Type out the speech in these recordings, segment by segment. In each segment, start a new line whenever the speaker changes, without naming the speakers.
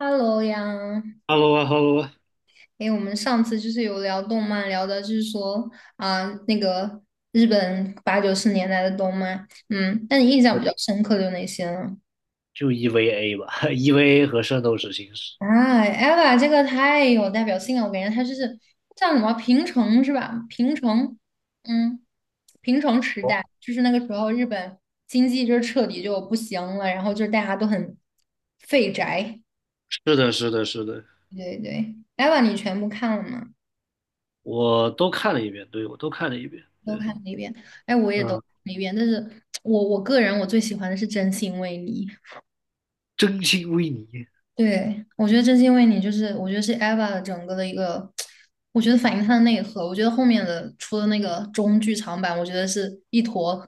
Hello 呀，
h e l 啊，Hello 啊，
诶，我们上次就是有聊动漫，聊的就是说啊、那个日本八九十年代的动漫，嗯，那你印象比
呃
较深刻的有哪些呢？
就 EVA 吧 ，EVA 和《圣斗士星矢》。
啊，EVA 这个太有代表性了，我感觉它就是叫什么平成是吧？嗯，平成时
哦，
代就是那个时候日本经济就是彻底就不行了，然后就是大家都很废宅，
是的，是的，是的，
对对，EVA 你全部看了吗？
我都看了一遍，对，我都看了一遍，对，
都看了一遍，哎，我也都
嗯，
看了一遍，但是我个人我最喜欢的是《真心为你》，
真心为你。
对，我觉得《真心为你》就是我觉得是 Eva 的整个的一个，我觉得反映她的内核，我觉得后面的出的那个中剧场版，我觉得是一坨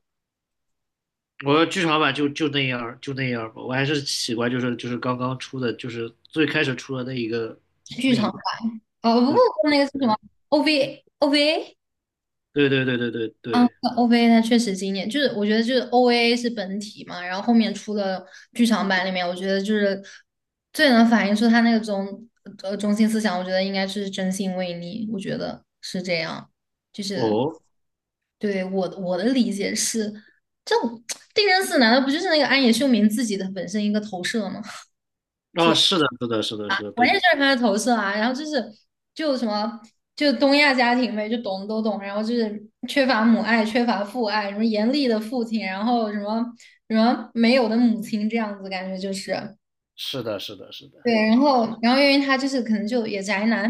我的剧场版就那样儿就那样儿吧，我还是喜欢就是刚刚出的，就是最开始出的那一个
剧
那一
场
个，
版，哦不
对，
不，那个是什么 OVA
对对对对对
嗯
对，
，OVA 它确实经典，就是我觉得就是 OVA 是本体嘛，然后后面出了剧场版里面，我觉得就是最能反映出他那个中心思想，我觉得应该是真心为你，我觉得是这样，就是
哦，
对我的理解是，这种 定真寺难道不就是那个安野秀明自己的本身一个投射吗？
啊，是的，是的，是的，是的，
我
对，
也就是他的投射啊，然后就是就什么就东亚家庭呗，就懂都懂，然后就是缺乏母爱，缺乏父爱，什么严厉的父亲，然后什么什么没有的母亲这样子，感觉就是
是的，是的，是的，
对，然后因为他就是可能就也宅男，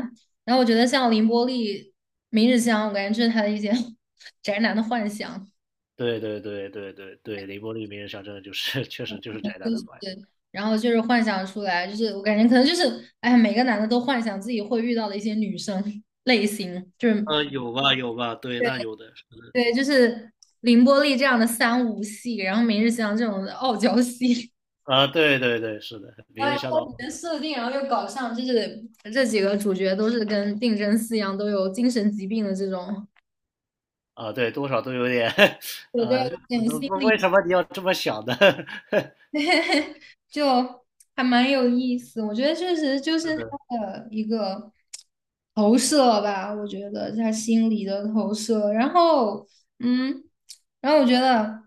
然后我觉得像凌波丽、明日香，我感觉就是他的一些 宅男的幻想，
对对对对对对，《凌波利名人像真的就是 确实就是宅男的坏。
对，然后就是幻想出来，就是我感觉可能就是哎呀每个男的都幻想自己会遇到的一些女生 类型，就是。
有吧，有吧，对，
对。
那有的是的
对，就是凌波丽这样的三无戏，然后明日香这种的傲娇戏，
啊，对对对，是
然后
的，明日
然
小岛
后里面设定，然后又搞上，就是这几个主角都是跟定真寺一样，都有精神疾病的这种，
啊，对，多少都有点，
对，就
呃，
有点
不
心
不为
理，
什么你要这么想呢？
就还蛮有意思。我觉得确实就
是
是他
的，
的一个投射吧，我觉得他心理的投射。然后，嗯，然后我觉得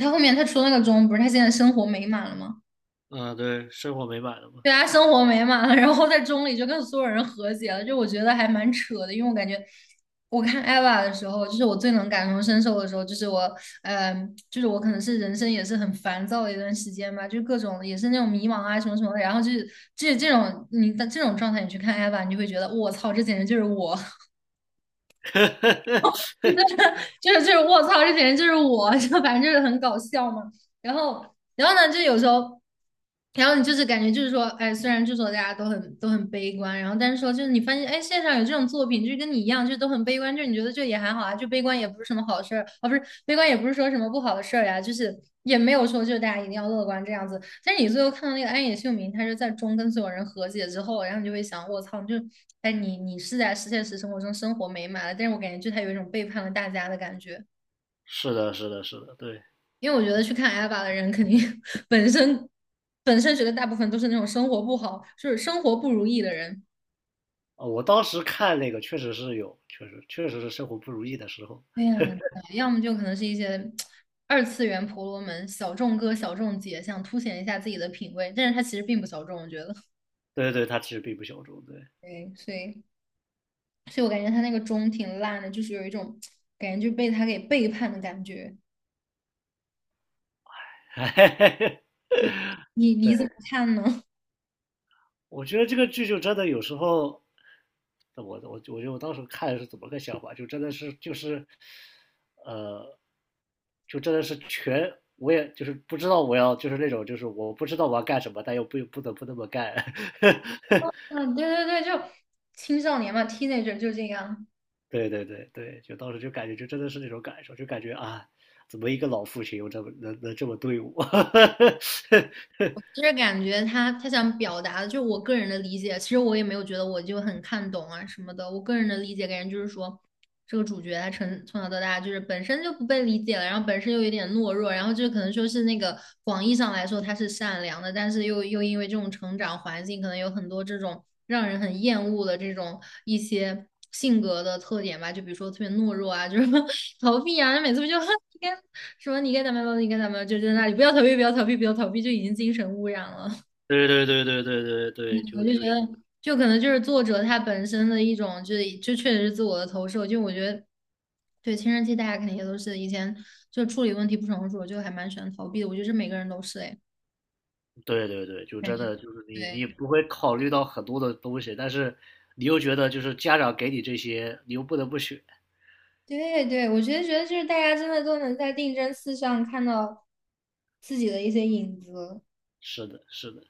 他后面他出那个钟，不是他现在生活美满了吗？
啊，对，生活美满了嘛，
对啊，生活美满了，然后在中里就跟所有人和解了，就我觉得还蛮扯的，因为我感觉我看 Eva 的时候，就是我最能感同身受的时候，就是我，嗯、就是我可能是人生也是很烦躁的一段时间吧，就各种也是那种迷茫啊什么什么的，然后就是这种你的这种状态，你去看 Eva,你就会觉得我操，这简直就是我，就是我操，这简直就是我，就反正就是很搞笑嘛。然后然后呢，就有时候，然后你就是感觉就是说，哎，虽然就说大家都很悲观，然后但是说就是你发现，哎，线上有这种作品，就是跟你一样，就是都很悲观，就是你觉得就也还好啊，就悲观也不是什么好事儿啊，不是悲观也不是说什么不好的事儿呀，就是也没有说就是大家一定要乐观这样子。但是你最后看到那个安野秀明，他是在中跟所有人和解之后，然后你就会想，我操，就哎你是在现实生活中生活美满了，但是我感觉就他有一种背叛了大家的感觉。
是的，是的，是的，对，
因为我觉得去看 a b b 的人，肯定 本身本身觉得大部分都是那种生活不好，就是生活不如意的人。
啊，我当时看那个确实是有，确实是生活不如意的时候，
对呀，对要么就可能是一些二次元婆罗门、小众哥、小众姐，想凸显一下自己的品味，但是他其实并不小众，我觉得。
对对，他其实并不小众，对，
对，所以所以我感觉他那个钟挺烂的，就是有一种感觉就被他给背叛的感觉。对，你
对，
你怎么看呢？
我觉得这个剧就真的有时候。那我觉得我当时看是怎么个想法，就真的是就是，呃，就真的是全，我也就是不知道我要就是那种就是我不知道我要干什么，但又不得不那么干。
嗯，对对对，就青少年嘛，teenager 就这样。
对对对对，就当时就感觉就真的是那种感受，就感觉啊，怎么一个老父亲又这么能这么对我？
其实感觉他想表达的，就是我个人的理解。其实我也没有觉得我就很看懂啊什么的。我个人的理解感觉就是说，这个主角他从小到大就是本身就不被理解了，然后本身又有点懦弱，然后就可能说是那个广义上来说他是善良的，但是又因为这种成长环境，可能有很多这种让人很厌恶的这种一些性格的特点吧，就比如说特别懦弱啊，就是 逃避啊，每次不就 跟说你该怎么样，你该怎么样，就在那里不要逃避，不要逃避，不要逃避，就已经精神污染了。
对对对对对对对，
我
就
就
就
觉
是。
得，就可能就是作者他本身的一种，就是就确实是自我的投射。就我觉得，对青春期大家肯定也都是以前就处理问题不成熟，就还蛮喜欢逃避的。我觉得这每个人都是哎，
对对对，就
感
真
觉
的就是你
对
不会考虑到很多的东西，但是你又觉得就是家长给你这些，你又不得不选。
对对，我觉得就是大家真的都能在定真寺上看到自己的一些影子。
是的，是的，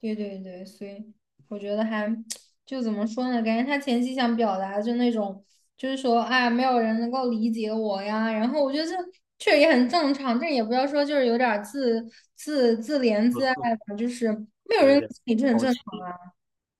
对对对，所以我觉得还 就怎么说呢？感觉他前期想表达的就那种，就是说啊，没有人能够理解我呀。然后我觉得这确实也很正常，但也不要说就是有点儿自怜自爱吧，就是没有
嗯，有
人
点
理解你这很
好
正
奇。
常。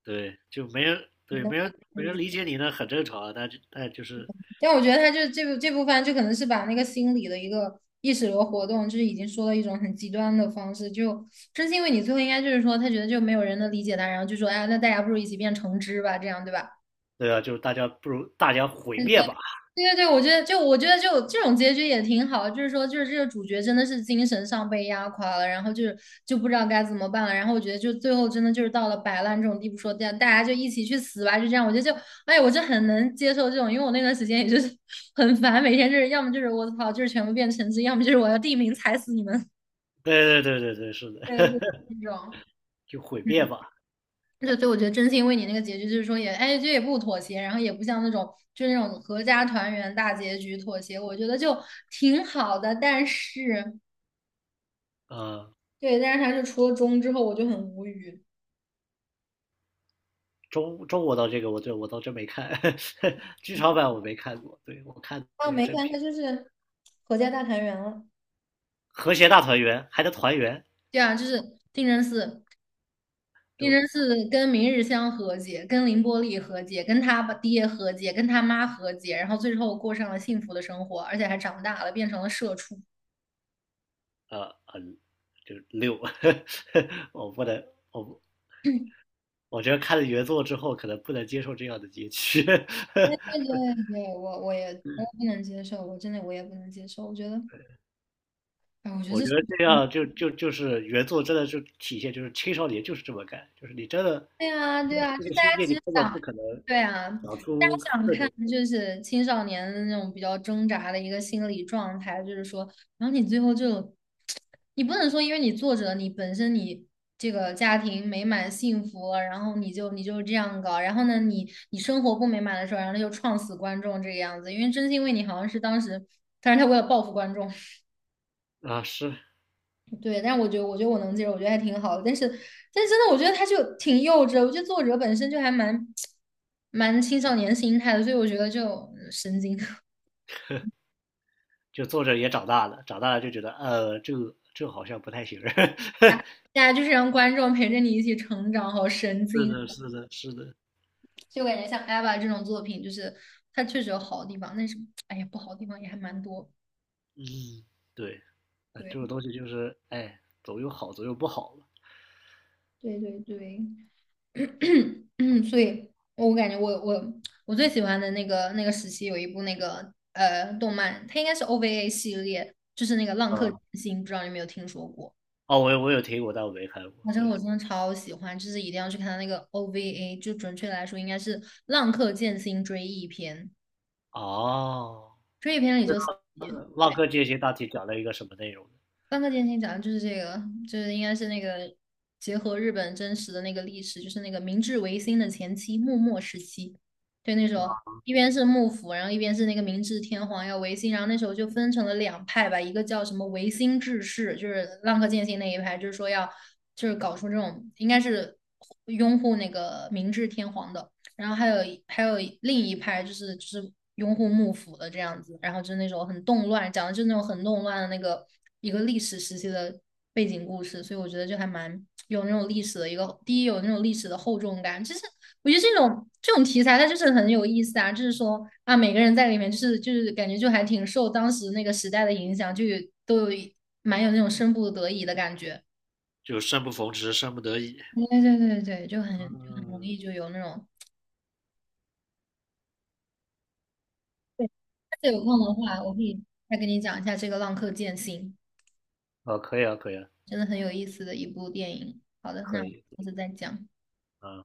对，就没人
你
对
能
没人没
懂
人
的
理解你呢，很正常啊。但是但就是
但我觉得他就这部分就可能是把那个心理的一个意识流活动，就是已经说了一种很极端的方式，就真心为你最后应该就是说他觉得就没有人能理解他，然后就说哎，那大家不如一起变成汁吧，这样对吧？
对啊，就是大家不如大家毁灭吧。
对对对，我觉得就我觉得就这种结局也挺好，就是说就是这个主角真的是精神上被压垮了，然后就是就不知道该怎么办了，然后我觉得就最后真的就是到了摆烂这种地步，说这样大家就一起去死吧，就这样，我觉得就哎，我就很能接受这种，因为我那段时间也就是 很烦，每天就是要么就是我操，就是全部变成绩，要么就是我要地名踩死你们，
对对对对对，是的，
对，就是 这种。
就毁灭吧。
对，所以我觉得真心为你那个结局，就是说也，哎，这也不妥协，然后也不像那种就是那种合家团圆大结局妥协，我觉得就挺好的。但是，
呃，
对，但是他是出了中之后，我就很无语。
中国的这个我这我倒真没看，剧场版我没看过，对我看的
啊，
都是
没
正
看他
片儿
就是合家大团圆了。
和谐大团圆》还能团圆，
对啊，就是定真寺，定
都
真寺跟明日香和解，跟凌波丽和解，跟他爸爹和解，跟他妈和解，然后最后过上了幸福的生活，而且还长大了，变成了社畜。
很就六，我不能，我 我觉得看了原作之后，可能不能接受这样的结局。
对 对对，我也我也不能接受，我真的我也不能接受。我觉得，哎，我觉得
我
这
觉
是
得这样就是原作真的就体现就是青少年就是这么干，就是你真的，
对啊，
你在
对啊，
这
就
个
大
世
家
界
其
里
实
根本
想，
不可能
对啊，
想
大家
出
想
各
看
种
就是青少年的那种比较挣扎的一个心理状态，就是说，然后你最后就，你不能说因为你作者你本身你这个家庭美满幸福了，然后你就你就这样搞，然后呢你你生活不美满的时候，然后就创死观众这个样子，因为真心为你好像是当时，但是他为了报复观众。
啊是，
对，但是我觉得，我觉得我能接受，我觉得还挺好的。但是，但是真的，我觉得他就挺幼稚的。我觉得作者本身就还蛮青少年心态的，所以我觉得就嗯神经。
就作者也长大了，长大了就觉得这个好像不太行。
大家就是让观众陪着你一起成长，好神
是
经。
的，是的，是的，
就感觉像《艾娃》这种作品，就是它确实有好的地方，但是哎呀，不好的地方也还蛮多。
嗯，对，啊
对，
这种东西就是哎，总有好，总有不好了，
对对对。嗯，所以我感觉我我最喜欢的那个那个时期有一部那个呃动漫，它应该是 OVA 系列，就是那个《浪客剑
啊，
心》，不知道你有没有听说过？
哦，我有听过，但我没看过。
啊，这个
对，
我真的超喜欢，就是一定要去看它那个 OVA,就准确来说应该是《浪客剑心追忆篇》，
哦，
追忆篇里就四集
浪客剑心大体讲了一个什么内容呢
浪客剑心讲的就是这个，就是应该是那个结合日本真实的那个历史，就是那个明治维新的前期幕末时期。对，那时候一边是幕府，然后一边是那个明治天皇要维新，然后那时候就分成了两派吧，一个叫什么维新志士，就是浪客剑心那一派，就是说要就是搞出这种应该是拥护那个明治天皇的。然后还有另一派就是拥护幕府的这样子，然后就是那种很动乱，讲的就是那种很动乱的那个一个历史时期的背景故事，所以我觉得就还蛮有那种历史的一个，第一有那种历史的厚重感，就是我觉得这种这种题材它就是很有意思啊，就是说啊每个人在里面就是感觉就还挺受当时那个时代的影响，就有都有一蛮有那种身不得已的感觉，
就生不逢时，生不得已。
对对对对，就很就很容
嗯，
易就有那种。对这有空的话，我可以再跟你讲一下这个《浪客剑心》，
哦，可以啊，可以啊，
真的很有意思的一部电影。好的，那
可
我们
以，
下次再讲。
嗯，